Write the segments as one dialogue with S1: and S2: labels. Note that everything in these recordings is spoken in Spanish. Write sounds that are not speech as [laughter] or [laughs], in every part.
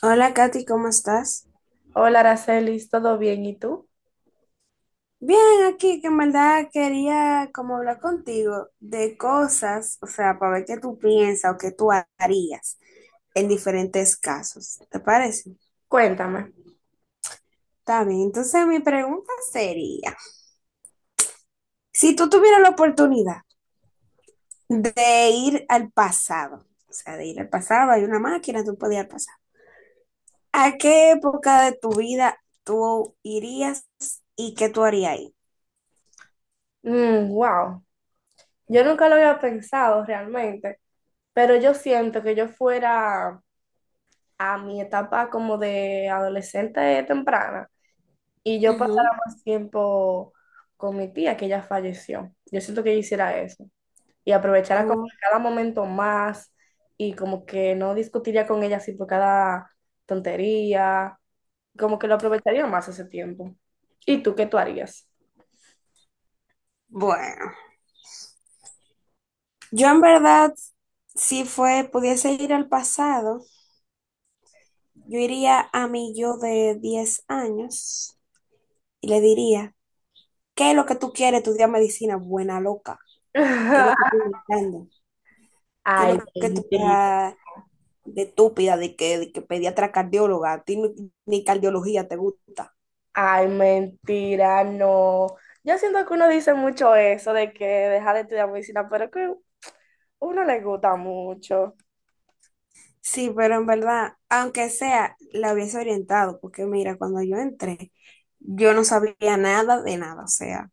S1: Hola Katy, ¿cómo estás?
S2: Hola, Aracelis, ¿todo bien? ¿Y tú?
S1: Bien, aquí que en verdad quería como hablar contigo de cosas, o sea, para ver qué tú piensas o qué tú harías en diferentes casos, ¿te parece?
S2: Cuéntame.
S1: Está bien, entonces mi pregunta sería, si tú tuvieras la oportunidad de ir al pasado, o sea, de ir al pasado, hay una máquina, tú podías ir al pasado, ¿a qué época de tu vida tú irías y qué tú harías ahí?
S2: Wow, yo nunca lo había pensado realmente, pero yo siento que yo fuera a mi etapa como de adolescente temprana y yo pasara
S1: Ujú.
S2: más tiempo con mi tía que ella falleció. Yo siento que yo hiciera eso y aprovechara como
S1: Oh.
S2: cada momento más y como que no discutiría con ella así por cada tontería, como que lo aprovecharía más ese tiempo. ¿Y tú qué tú harías?
S1: Bueno. Yo en verdad, si fue, pudiese ir al pasado, yo iría a mi yo de 10 años y le diría, ¿qué es lo que tú quieres estudiar medicina? Buena loca. ¿Qué es lo que
S2: [laughs]
S1: tú buscando? ¿Qué es lo
S2: Ay,
S1: que tú
S2: mentira,
S1: estás de estúpida, de que pediatra cardióloga? A ti ni, ni cardiología te gusta.
S2: ay, mentira, no. Yo siento que uno dice mucho eso de que deja de estudiar medicina, pero que uno le gusta mucho.
S1: Sí, pero en verdad, aunque sea, la hubiese orientado, porque mira, cuando yo entré, yo no sabía nada de nada, o sea,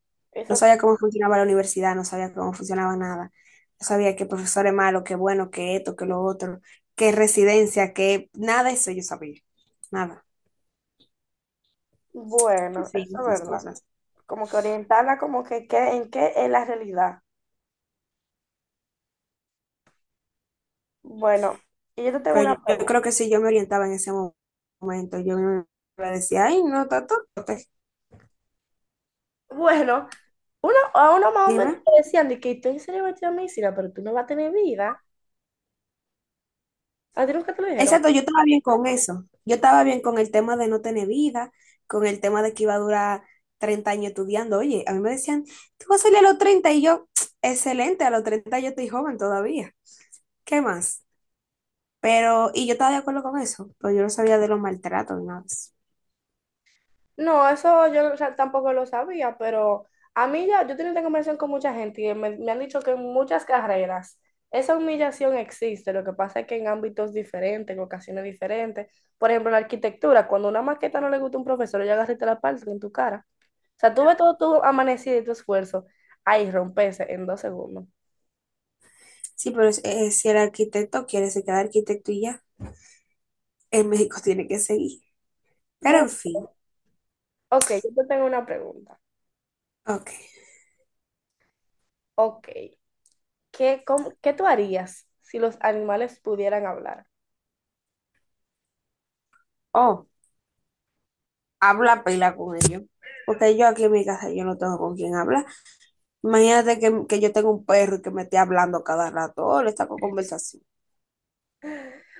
S1: no
S2: Eso es
S1: sabía cómo funcionaba la universidad, no sabía cómo funcionaba nada, no sabía qué profesor es malo, qué bueno, qué esto, qué lo otro, qué residencia, qué nada de eso yo sabía, nada,
S2: bueno,
S1: sí,
S2: eso es
S1: esas
S2: verdad.
S1: cosas.
S2: Como que orientarla como que qué, en qué es la realidad. Bueno, y yo te tengo
S1: Pero
S2: una
S1: yo
S2: pregunta.
S1: creo que si yo me orientaba en ese momento, yo me decía, ay, no, tato,
S2: Bueno, uno, a uno más o menos
S1: dime.
S2: le decían de que tú en serio vas a estudiar medicina, pero tú no vas a tener vida. ¿A ti nunca te lo dijeron?
S1: Exacto, yo estaba bien con eso. Yo estaba bien con el tema de no tener vida, con el tema de que iba a durar 30 años estudiando. Oye, a mí me decían, ¿tú vas a salir a los 30? Y yo, excelente, a los 30 yo estoy joven todavía. ¿Qué más? Pero, y yo estaba de acuerdo con eso, pero yo no sabía de los maltratos ni nada de eso.
S2: No, eso yo o sea, tampoco lo sabía, pero a mí ya, yo tengo esta conversación con mucha gente y me han dicho que en muchas carreras esa humillación existe, lo que pasa es que en ámbitos diferentes, en ocasiones diferentes, por ejemplo, en la arquitectura, cuando una maqueta no le gusta a un profesor, ya agarraste la parte en tu cara. O sea, tú ves todo tu amanecido y tu esfuerzo, ahí rompese en 2 segundos.
S1: Sí, pero si el arquitecto quiere, se queda arquitecto y ya. En México [laughs] tiene que seguir. Pero
S2: Mo,
S1: en fin,
S2: ok, yo te tengo una pregunta.
S1: ok.
S2: Ok, ¿qué, cómo- qué tú harías si los animales pudieran hablar?
S1: Oh, habla pila con ellos. Porque yo aquí en mi casa yo no tengo con quién hablar. Imagínate que yo tengo un perro y que me esté hablando cada rato, oh, le saco conversación.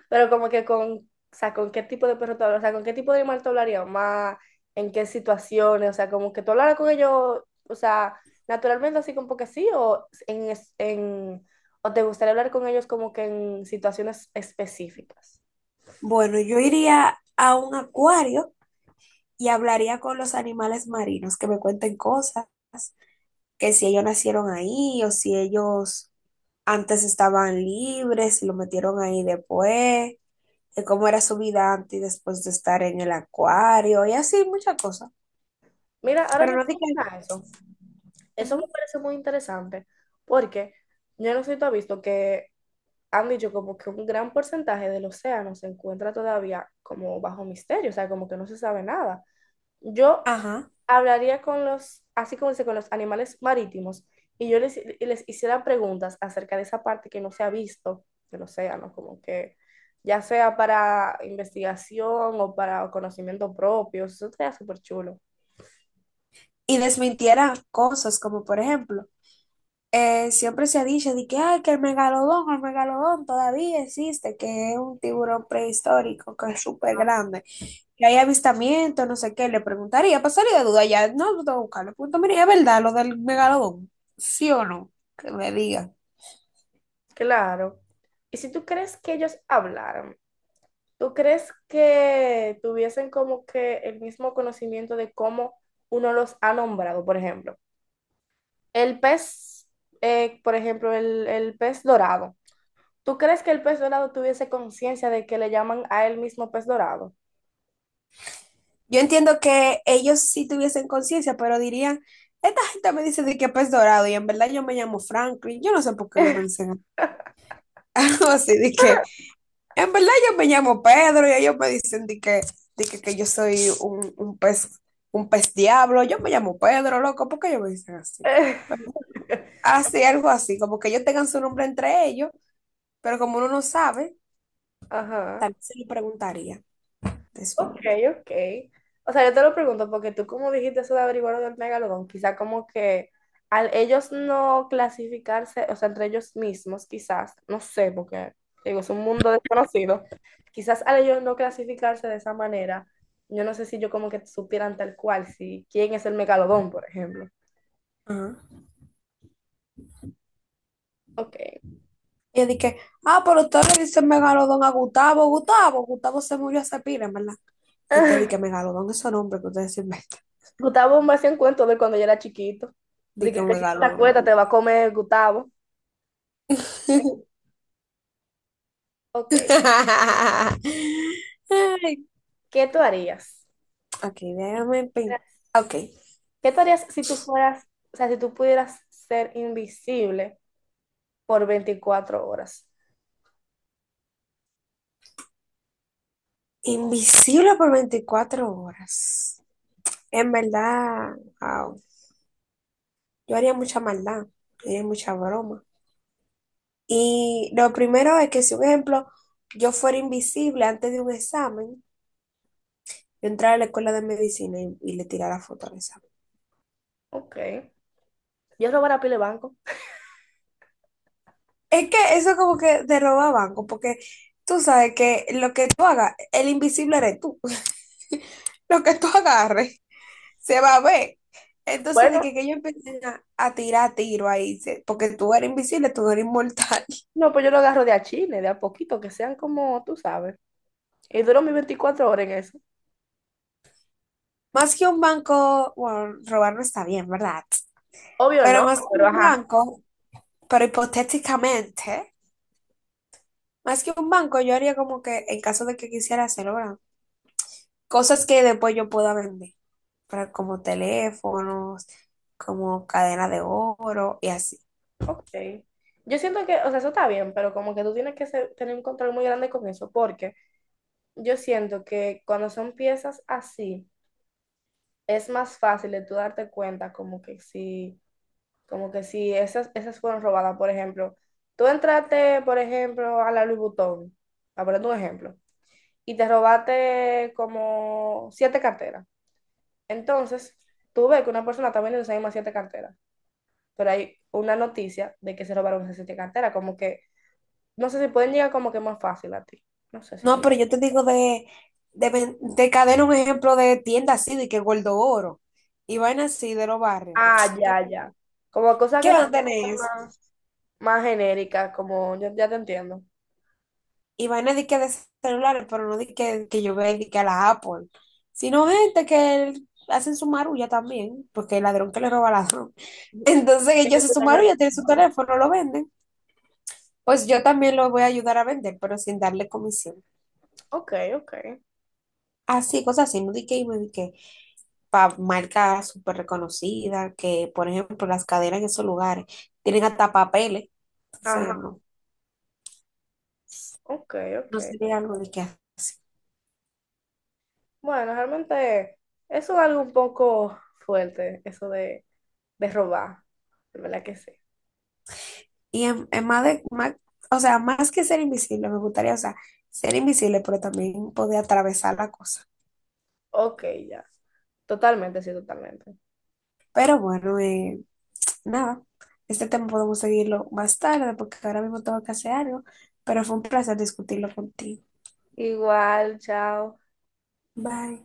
S2: Pero como que con, o sea, ¿con qué tipo de perro tú hablas? O sea, ¿con qué tipo de animal tú hablarías más? ¿En qué situaciones? O sea, como que tú hablaras con ellos, o sea, naturalmente así como que sí, o, en, es- en, o te gustaría hablar con ellos como que en situaciones específicas.
S1: Bueno, yo iría a un acuario y hablaría con los animales marinos, que me cuenten cosas, que si ellos nacieron ahí o si ellos antes estaban libres y lo metieron ahí después, de cómo era su vida antes y después de estar en el acuario y así, muchas cosas.
S2: Mira, ahora
S1: Pero
S2: que
S1: no
S2: tú
S1: dije,
S2: mencionas eso, eso me
S1: ujú,
S2: parece muy interesante, porque yo no sé si tú has visto que han dicho como que un gran porcentaje del océano se encuentra todavía como bajo misterio, o sea, como que no se sabe nada. Yo
S1: ajá.
S2: hablaría con los, así como dice, con los animales marítimos y yo les, les hiciera preguntas acerca de esa parte que no se ha visto del océano, como que ya sea para investigación o para conocimiento propio, eso sería súper chulo.
S1: Y desmintiera cosas como, por ejemplo, siempre se ha dicho de que, ay, que el megalodón todavía existe, que es un tiburón prehistórico, que es súper
S2: Ah,
S1: grande, que hay avistamientos, no sé qué, le preguntaría, pasaría de duda ya, no, no tengo que buscarlo, punto, mire, es verdad lo del megalodón, sí o no, que me digan.
S2: claro. Y si tú crees que ellos hablaran, ¿tú crees que tuviesen como que el mismo conocimiento de cómo uno los ha nombrado? Por ejemplo, el pez, por ejemplo, el pez dorado. ¿Tú crees que el pez dorado tuviese conciencia de que le llaman a él mismo pez dorado?
S1: Yo entiendo que ellos sí tuviesen conciencia, pero dirían, esta gente me dice de que pez dorado, y en verdad yo me llamo Franklin, yo no sé por qué ellos me dicen [laughs] así, de que en verdad yo me llamo Pedro y ellos me dicen de que yo soy un pez, un pez diablo. Yo me llamo Pedro, loco, ¿por qué ellos me dicen así? Pero,
S2: [laughs]
S1: así, algo así, como que ellos tengan su nombre entre ellos, pero como uno no sabe,
S2: Ajá.
S1: también se le preguntaría de su
S2: Ok,
S1: nombre.
S2: ok. O sea, yo te lo pregunto porque tú como dijiste eso de averiguar lo del megalodón, quizá como que al ellos no clasificarse, o sea, entre ellos mismos, quizás, no sé, porque te digo, es un mundo desconocido, quizás al ellos no clasificarse de esa manera, yo no sé si yo como que supieran tal cual, si quién es el megalodón, por ejemplo.
S1: Ajá.
S2: Ok.
S1: Y yo dije, ah, pero ustedes le dicen megalodón a Gustavo, Gustavo, Gustavo se murió hace pila, ¿en verdad? Y usted dice
S2: [laughs]
S1: megalodón, esos nombres que ustedes se inventan.
S2: Gustavo me hacía un cuento de cuando yo era chiquito. De
S1: Dije
S2: que si no te
S1: megalodón.
S2: acuestas te va a comer Gustavo.
S1: [laughs]
S2: Ok,
S1: Ay,
S2: ¿qué tú harías?
S1: ok, déjame Ok.
S2: ¿Qué tú harías si tú fueras, o sea, si tú pudieras ser invisible por 24 horas?
S1: Invisible por 24 horas. En verdad, wow, yo haría mucha maldad. Yo haría mucha broma. Y lo primero es que, si un ejemplo, yo fuera invisible antes de un examen, yo entrara a la escuela de medicina y le tirara foto al examen.
S2: Ok. Yo robara pile banco.
S1: Es que eso como que te roba banco, porque tú sabes que lo que tú hagas, el invisible eres tú. [laughs] Lo que tú agarres se va a ver. Entonces
S2: Bueno,
S1: dije que ellos empiezan a tirar tiro ahí, se- porque tú eres invisible, tú no eres inmortal.
S2: no, pues yo lo agarro de a chile, de a poquito, que sean como tú sabes. Y duro mis 24 horas en eso.
S1: [laughs] Más que un banco, bueno, robar no está bien, ¿verdad?
S2: Obvio
S1: Pero
S2: no,
S1: más que
S2: pero
S1: un
S2: ajá.
S1: banco, pero hipotéticamente, más que un banco, yo haría como que en caso de que quisiera hacerlo, ¿verdad? Cosas que después yo pueda vender, pero como teléfonos, como cadena de oro y así.
S2: Ok. Yo siento que, o sea, eso está bien, pero como que tú tienes que ser- tener un control muy grande con eso, porque yo siento que cuando son piezas así, es más fácil de tú darte cuenta como que si esas fueron robadas, por ejemplo. Tú entraste, por ejemplo, a la Louis Vuitton, a poner un ejemplo, y te robaste como 7 carteras. Entonces, tú ves que una persona está vendiendo esas mismas 7 carteras, pero hay una noticia de que se robaron esas 7 carteras, como que, no sé si pueden llegar como que más fácil a ti. No sé si tú...
S1: No,
S2: me-
S1: pero yo te digo de, ven- de cadena un ejemplo de tienda así, de que Gordo Oro y vaina así de los barrios.
S2: Ah,
S1: [tsk] ¿Qué,
S2: ya, ya. Como cosas
S1: qué
S2: que
S1: van
S2: son...
S1: a tener eso?
S2: más genérica, como ya, ya te entiendo.
S1: Y vaina de que de celulares, pero no de que yo vea de que a la Apple, sino gente que hacen su marulla también, porque el ladrón que le roba al ladrón. [laughs] Entonces ellos
S2: Ellos que
S1: hacen su
S2: están al-
S1: marulla, tienen su teléfono, lo venden. Pues yo también lo voy a ayudar a vender, pero sin darle comisión.
S2: Ok, ok.
S1: Así, cosas así, no di que y me di que, para marcas súper reconocidas, que por ejemplo las cadenas en esos lugares tienen hasta papeles, entonces
S2: Ajá,
S1: no,
S2: ok,
S1: no
S2: ok.
S1: sería algo de que hacer.
S2: Bueno, realmente eso es algo un poco fuerte, eso de robar, de verdad que sí.
S1: Y en más de, más- o sea, más que ser invisible, me gustaría, o sea, ser invisible, pero también poder atravesar la cosa.
S2: Ok, ya. Totalmente, sí, totalmente.
S1: Pero bueno, nada, este tema podemos seguirlo más tarde porque ahora mismo tengo que hacer algo, pero fue un placer discutirlo contigo.
S2: Igual, chao.
S1: Bye.